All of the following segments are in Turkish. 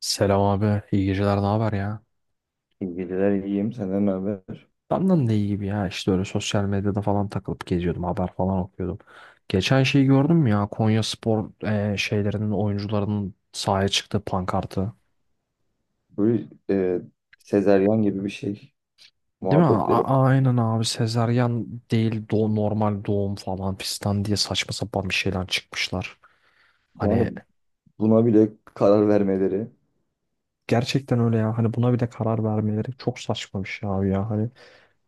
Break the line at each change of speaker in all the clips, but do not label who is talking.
Selam abi. İyi geceler. Ne haber ya?
İyi geceler, iyiyim. Senden ne haber?
Benden de iyi gibi ya. İşte öyle sosyal medyada falan takılıp geziyordum. Haber falan okuyordum. Geçen şeyi gördün mü ya? Konya Spor, şeylerinin oyuncularının sahaya çıktığı pankartı.
Böyle sezeryan gibi bir şey
Değil mi?
muhabbetleri.
Aynen abi. Sezaryen değil normal doğum falan fistan diye saçma sapan bir şeyler çıkmışlar.
Yani
Hani
buna bile karar vermeleri.
gerçekten öyle ya. Hani buna bile karar vermeleri çok saçma bir şey abi ya. Hani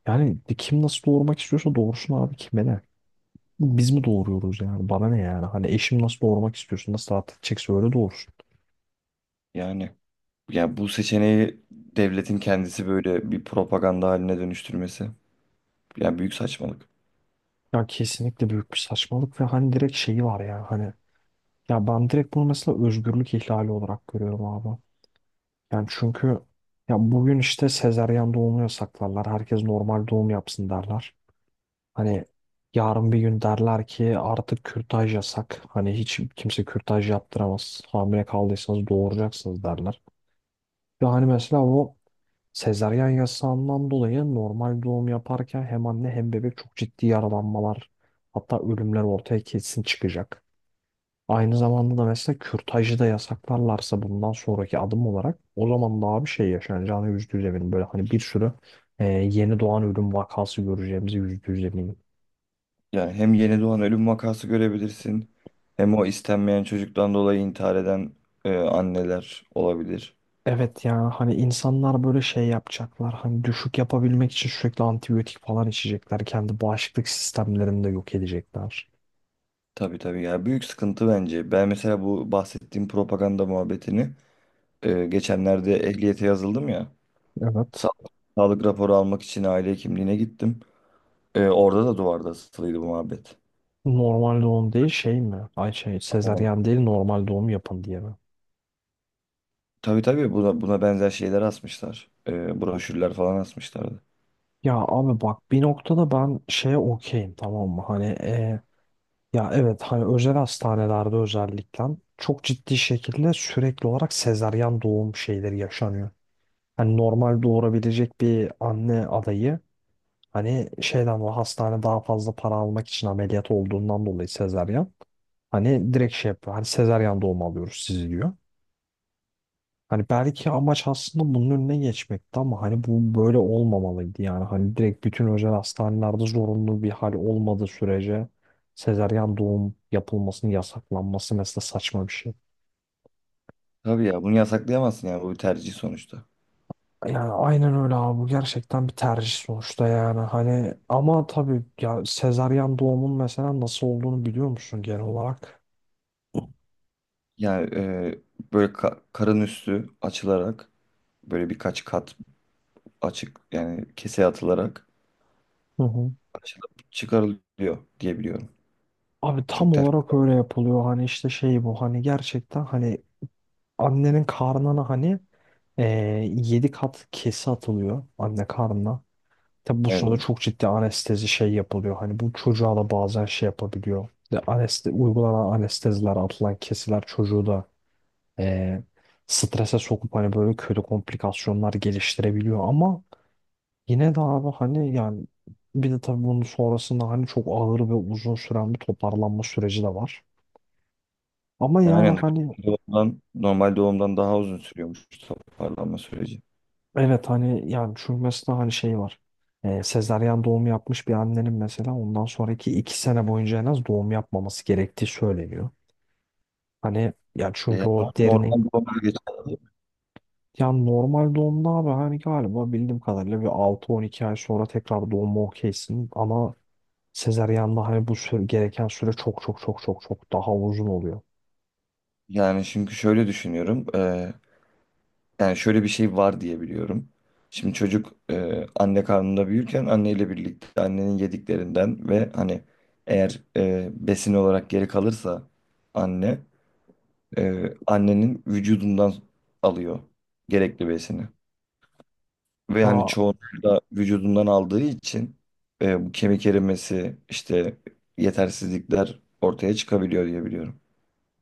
yani kim nasıl doğurmak istiyorsa doğursun abi. Kime ne? Biz mi doğuruyoruz yani? Bana ne yani? Hani eşim nasıl doğurmak istiyorsun? Nasıl rahat edecekse öyle doğursun.
Yani ya bu seçeneği devletin kendisi böyle bir propaganda haline dönüştürmesi. Yani büyük saçmalık.
Ya kesinlikle büyük bir saçmalık ve hani direkt şeyi var ya, hani ya ben direkt bunu mesela özgürlük ihlali olarak görüyorum abi. Yani çünkü ya bugün işte sezaryen doğumu yasaklarlar. Herkes normal doğum yapsın derler. Hani yarın bir gün derler ki artık kürtaj yasak. Hani hiç kimse kürtaj yaptıramaz. Hamile kaldıysanız doğuracaksınız derler. Ve hani mesela o sezaryen yasağından dolayı normal doğum yaparken hem anne hem bebek çok ciddi yaralanmalar, hatta ölümler ortaya kesin çıkacak. Aynı zamanda da mesela kürtajı da yasaklarlarsa bundan sonraki adım olarak o zaman daha bir şey yaşanacağını %100 eminim. Böyle hani bir sürü yeni doğan ölüm vakası göreceğimizi %100 eminim.
Yani hem yeni doğan ölüm vakası görebilirsin. Hem o istenmeyen çocuktan dolayı intihar eden anneler olabilir.
Evet, yani hani insanlar böyle şey yapacaklar, hani düşük yapabilmek için sürekli antibiyotik falan içecekler. Kendi bağışıklık sistemlerini de yok edecekler.
Tabii tabii ya, büyük sıkıntı bence. Ben mesela bu bahsettiğim propaganda muhabbetini geçenlerde ehliyete yazıldım ya. Sa-
Evet.
Sağlık raporu almak için aile hekimliğine gittim. Orada da duvarda asılıydı bu muhabbet.
Normal doğum değil şey mi? Ay şey,
Ama
sezaryen değil normal doğum yapın diye mi?
tabii tabii, buna benzer şeyler asmışlar. Broşürler falan asmışlardı.
Ya abi bak, bir noktada ben şeye okeyim, tamam mı? Hani ya evet, hani özel hastanelerde özellikle çok ciddi şekilde sürekli olarak sezaryen doğum şeyleri yaşanıyor. Hani normal doğurabilecek bir anne adayı, hani şeyden, o hastane daha fazla para almak için ameliyat olduğundan dolayı sezaryen, hani direkt şey yapıyor. Hani sezaryen doğum alıyoruz sizi diyor. Hani belki amaç aslında bunun önüne geçmekti ama hani bu böyle olmamalıydı yani. Hani direkt bütün özel hastanelerde zorunlu bir hal olmadığı sürece sezaryen doğum yapılmasının yasaklanması mesela saçma bir şey.
Tabii ya, bunu yasaklayamazsın, yani bu bir tercih sonuçta.
Yani aynen öyle abi, bu gerçekten bir tercih sonuçta yani, hani ama tabii ya, sezaryen doğumun mesela nasıl olduğunu biliyor musun genel olarak?
Yani böyle karın üstü açılarak, böyle birkaç kat açık, yani kese atılarak
Hı hı.
açılıp çıkarılıyor diye biliyorum.
Abi
Çok
tam
tef.
olarak öyle yapılıyor, hani işte şey bu, hani gerçekten hani annenin karnına hani yedi kat kesi atılıyor anne karnına. Tabi bu sırada
Evet.
çok ciddi anestezi şey yapılıyor. Hani bu çocuğa da bazen şey yapabiliyor. De aneste Uygulanan anesteziler, atılan kesiler çocuğu da ee, strese sokup hani böyle kötü komplikasyonlar geliştirebiliyor. Ama yine de abi hani yani, bir de tabii bunun sonrasında hani çok ağır ve uzun süren bir toparlanma süreci de var. Ama yani
Aynen.
hani.
Doğumdan, normal doğumdan daha uzun sürüyormuş toparlanma süreci.
Evet, hani yani çünkü mesela hani şey var. Sezaryen doğum yapmış bir annenin mesela ondan sonraki 2 sene boyunca en az doğum yapmaması gerektiği söyleniyor. Hani ya
Ya,
çünkü o derinin,
normal bir olay geçerli.
ya normal doğumda abi, hani galiba bildiğim kadarıyla bir 6-12 ay sonra tekrar doğuma okeysin ama sezaryanda hani bu süre, gereken süre çok çok çok çok çok daha uzun oluyor.
Yani çünkü şöyle düşünüyorum. Yani şöyle bir şey var diye biliyorum. Şimdi çocuk anne karnında büyürken anneyle birlikte annenin yediklerinden ve hani eğer besin olarak geri kalırsa anne, annenin vücudundan alıyor gerekli besini. Ve
Ya
hani çoğunlukla da vücudundan aldığı için bu kemik erimesi, işte yetersizlikler ortaya çıkabiliyor diye biliyorum.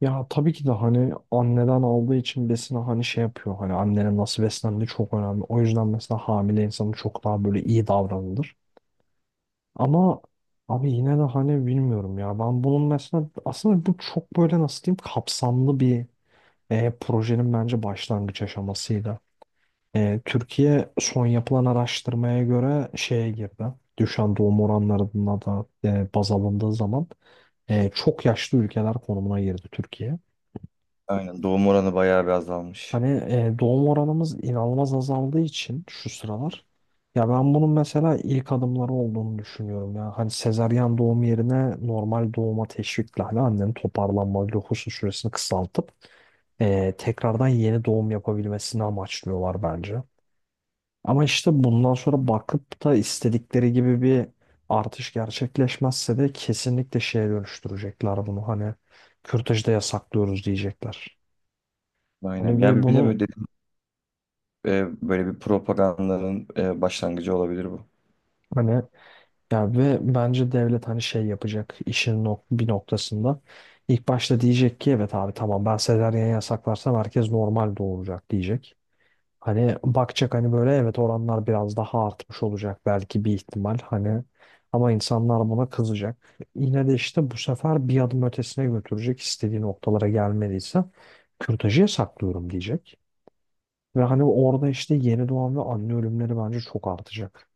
Ya tabii ki de hani anneden aldığı için besini, hani şey yapıyor. Hani annenin nasıl beslendiği çok önemli. O yüzden mesela hamile insanın çok daha böyle iyi davranılır. Ama abi yine de hani bilmiyorum ya. Ben bunun mesela aslında, bu çok böyle nasıl diyeyim, kapsamlı bir projenin bence başlangıç aşamasıydı. Türkiye son yapılan araştırmaya göre şeye girdi. Düşen doğum oranlarına da baz alındığı zaman çok yaşlı ülkeler konumuna girdi Türkiye.
Aynen, doğum oranı bayağı bir azalmış.
Hani doğum oranımız inanılmaz azaldığı için şu sıralar, ya ben bunun mesela ilk adımları olduğunu düşünüyorum ya. Hani sezaryen doğum yerine normal doğuma teşvikle hani annenin toparlanma lohusa süresini kısaltıp tekrardan yeni doğum yapabilmesini amaçlıyorlar bence. Ama işte bundan sonra bakıp da istedikleri gibi bir artış gerçekleşmezse de kesinlikle şeye dönüştürecekler bunu. Hani kürtajı da yasaklıyoruz diyecekler.
Aynen.
Hani
Ya
ve
bir de
bunu
böyle dedim, böyle bir propagandanın başlangıcı olabilir bu.
hani. Ya ve bence devlet hani şey yapacak işin bir noktasında. İlk başta diyecek ki evet abi tamam, ben sezaryen yasaklarsam herkes normal doğuracak diyecek. Hani bakacak, hani böyle evet, oranlar biraz daha artmış olacak belki bir ihtimal hani, ama insanlar buna kızacak. Yine de işte bu sefer bir adım ötesine götürecek, istediği noktalara gelmediyse kürtajı yasaklıyorum diyecek. Ve hani orada işte yeni doğan ve anne ölümleri bence çok artacak.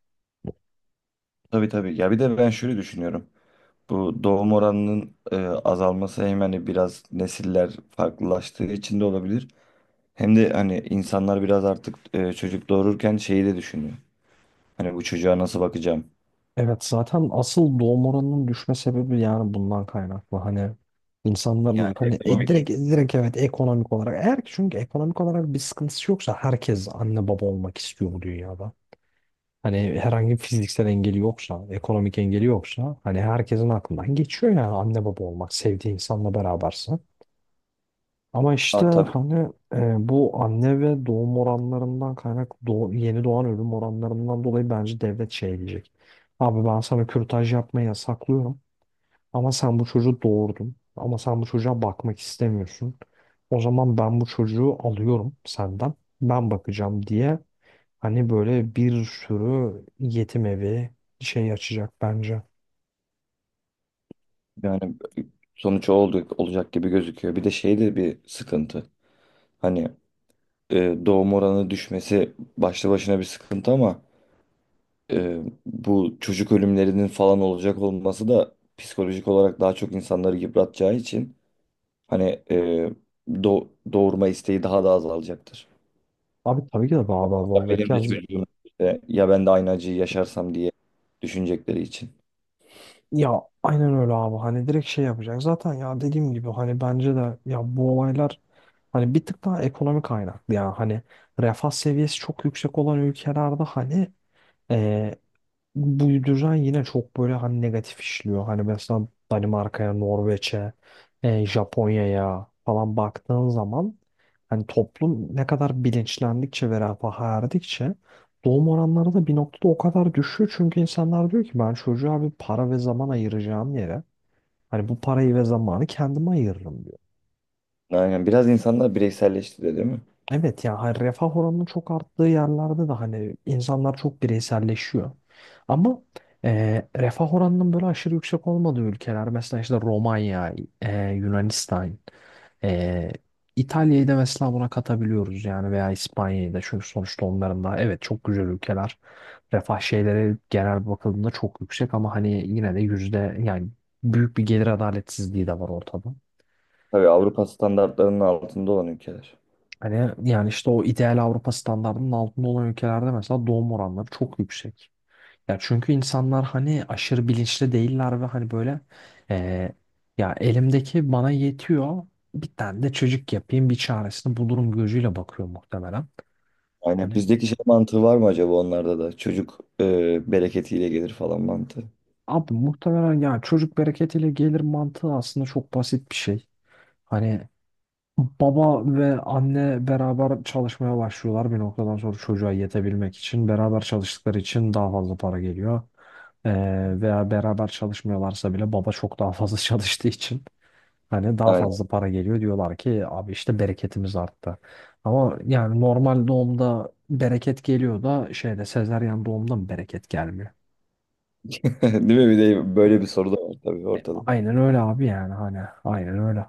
Tabii tabii. Ya bir de ben şöyle düşünüyorum. Bu doğum oranının azalması hem hani biraz nesiller farklılaştığı için de olabilir. Hem de hani insanlar biraz artık çocuk doğururken şeyi de düşünüyor. Hani bu çocuğa nasıl bakacağım?
Evet, zaten asıl doğum oranının düşme sebebi yani bundan kaynaklı. Hani
Yani
insanların hani
ekonomik.
direkt evet, ekonomik olarak, eğer ki çünkü ekonomik olarak bir sıkıntısı yoksa herkes anne baba olmak istiyor bu dünyada. Hani herhangi bir fiziksel engeli yoksa, ekonomik engeli yoksa, hani herkesin aklından geçiyor yani anne baba olmak, sevdiği insanla berabersin. Ama işte
Ha, tabii.
hani bu anne ve doğum oranlarından yeni doğan ölüm oranlarından dolayı bence devlet şey diyecek. Abi ben sana kürtaj yapmayı yasaklıyorum ama sen bu çocuğu doğurdun, ama sen bu çocuğa bakmak istemiyorsun. O zaman ben bu çocuğu alıyorum senden. Ben bakacağım diye, hani böyle bir sürü yetim evi şey açacak bence.
Yani sonuç o oldu, olacak gibi gözüküyor. Bir de şey de bir sıkıntı. Hani. Doğum oranı düşmesi başlı başına bir sıkıntı ama e, bu çocuk ölümlerinin falan olacak olması da psikolojik olarak daha çok insanları yıpratacağı için hani, do- doğurma isteği daha da azalacaktır.
Abi tabii ki de daha da az
Ya
olacak
benim
ya.
de çocuğum işte, ya ben de aynı acıyı yaşarsam diye düşünecekleri için.
Ya aynen öyle abi, hani direkt şey yapacak. Zaten ya, dediğim gibi hani bence de ya bu olaylar hani bir tık daha ekonomik kaynaklı ya. Hani refah seviyesi çok yüksek olan ülkelerde hani bu düzen yine çok böyle hani negatif işliyor. Hani mesela Danimarka'ya, Norveç'e, Japonya'ya falan baktığın zaman, hani toplum ne kadar bilinçlendikçe ve refaha erdikçe doğum oranları da bir noktada o kadar düşüyor. Çünkü insanlar diyor ki ben çocuğa bir para ve zaman ayıracağım yere hani bu parayı ve zamanı kendime ayırırım.
Aynen, biraz insanlar bireyselleşti de değil mi?
Evet ya, hani refah oranının çok arttığı yerlerde de hani insanlar çok bireyselleşiyor. Ama refah oranının böyle aşırı yüksek olmadığı ülkeler, mesela işte Romanya, Yunanistan, e, İtalya'yı da mesela buna katabiliyoruz yani, veya İspanya'yı da, çünkü sonuçta onların da evet çok güzel ülkeler. Refah şeyleri genel bakıldığında çok yüksek, ama hani yine de yüzde yani büyük bir gelir adaletsizliği de var ortada.
Tabii, Avrupa standartlarının altında olan ülkeler.
Hani yani işte o ideal Avrupa standardının altında olan ülkelerde mesela doğum oranları çok yüksek. Ya çünkü insanlar hani aşırı bilinçli değiller ve hani böyle eee, ya elimdeki bana yetiyor, bir tane de çocuk yapayım, bir çaresini bulurum gözüyle bakıyor muhtemelen.
Aynen,
Hani
bizdeki şey mantığı var mı acaba onlarda da? Çocuk bereketiyle gelir falan mantığı.
abi muhtemelen yani çocuk bereketiyle gelir mantığı aslında çok basit bir şey. Hani baba ve anne beraber çalışmaya başlıyorlar bir noktadan sonra çocuğa yetebilmek için. Beraber çalıştıkları için daha fazla para geliyor. Veya beraber çalışmıyorlarsa bile baba çok daha fazla çalıştığı için hani daha
Aynen.
fazla para geliyor. Diyorlar ki abi işte bereketimiz arttı. Ama yani normal doğumda bereket geliyor da şeyde sezaryen doğumda mı bereket gelmiyor?
Değil mi? Bir de böyle bir soru da var tabii ortada.
Aynen öyle abi, yani hani aynen öyle.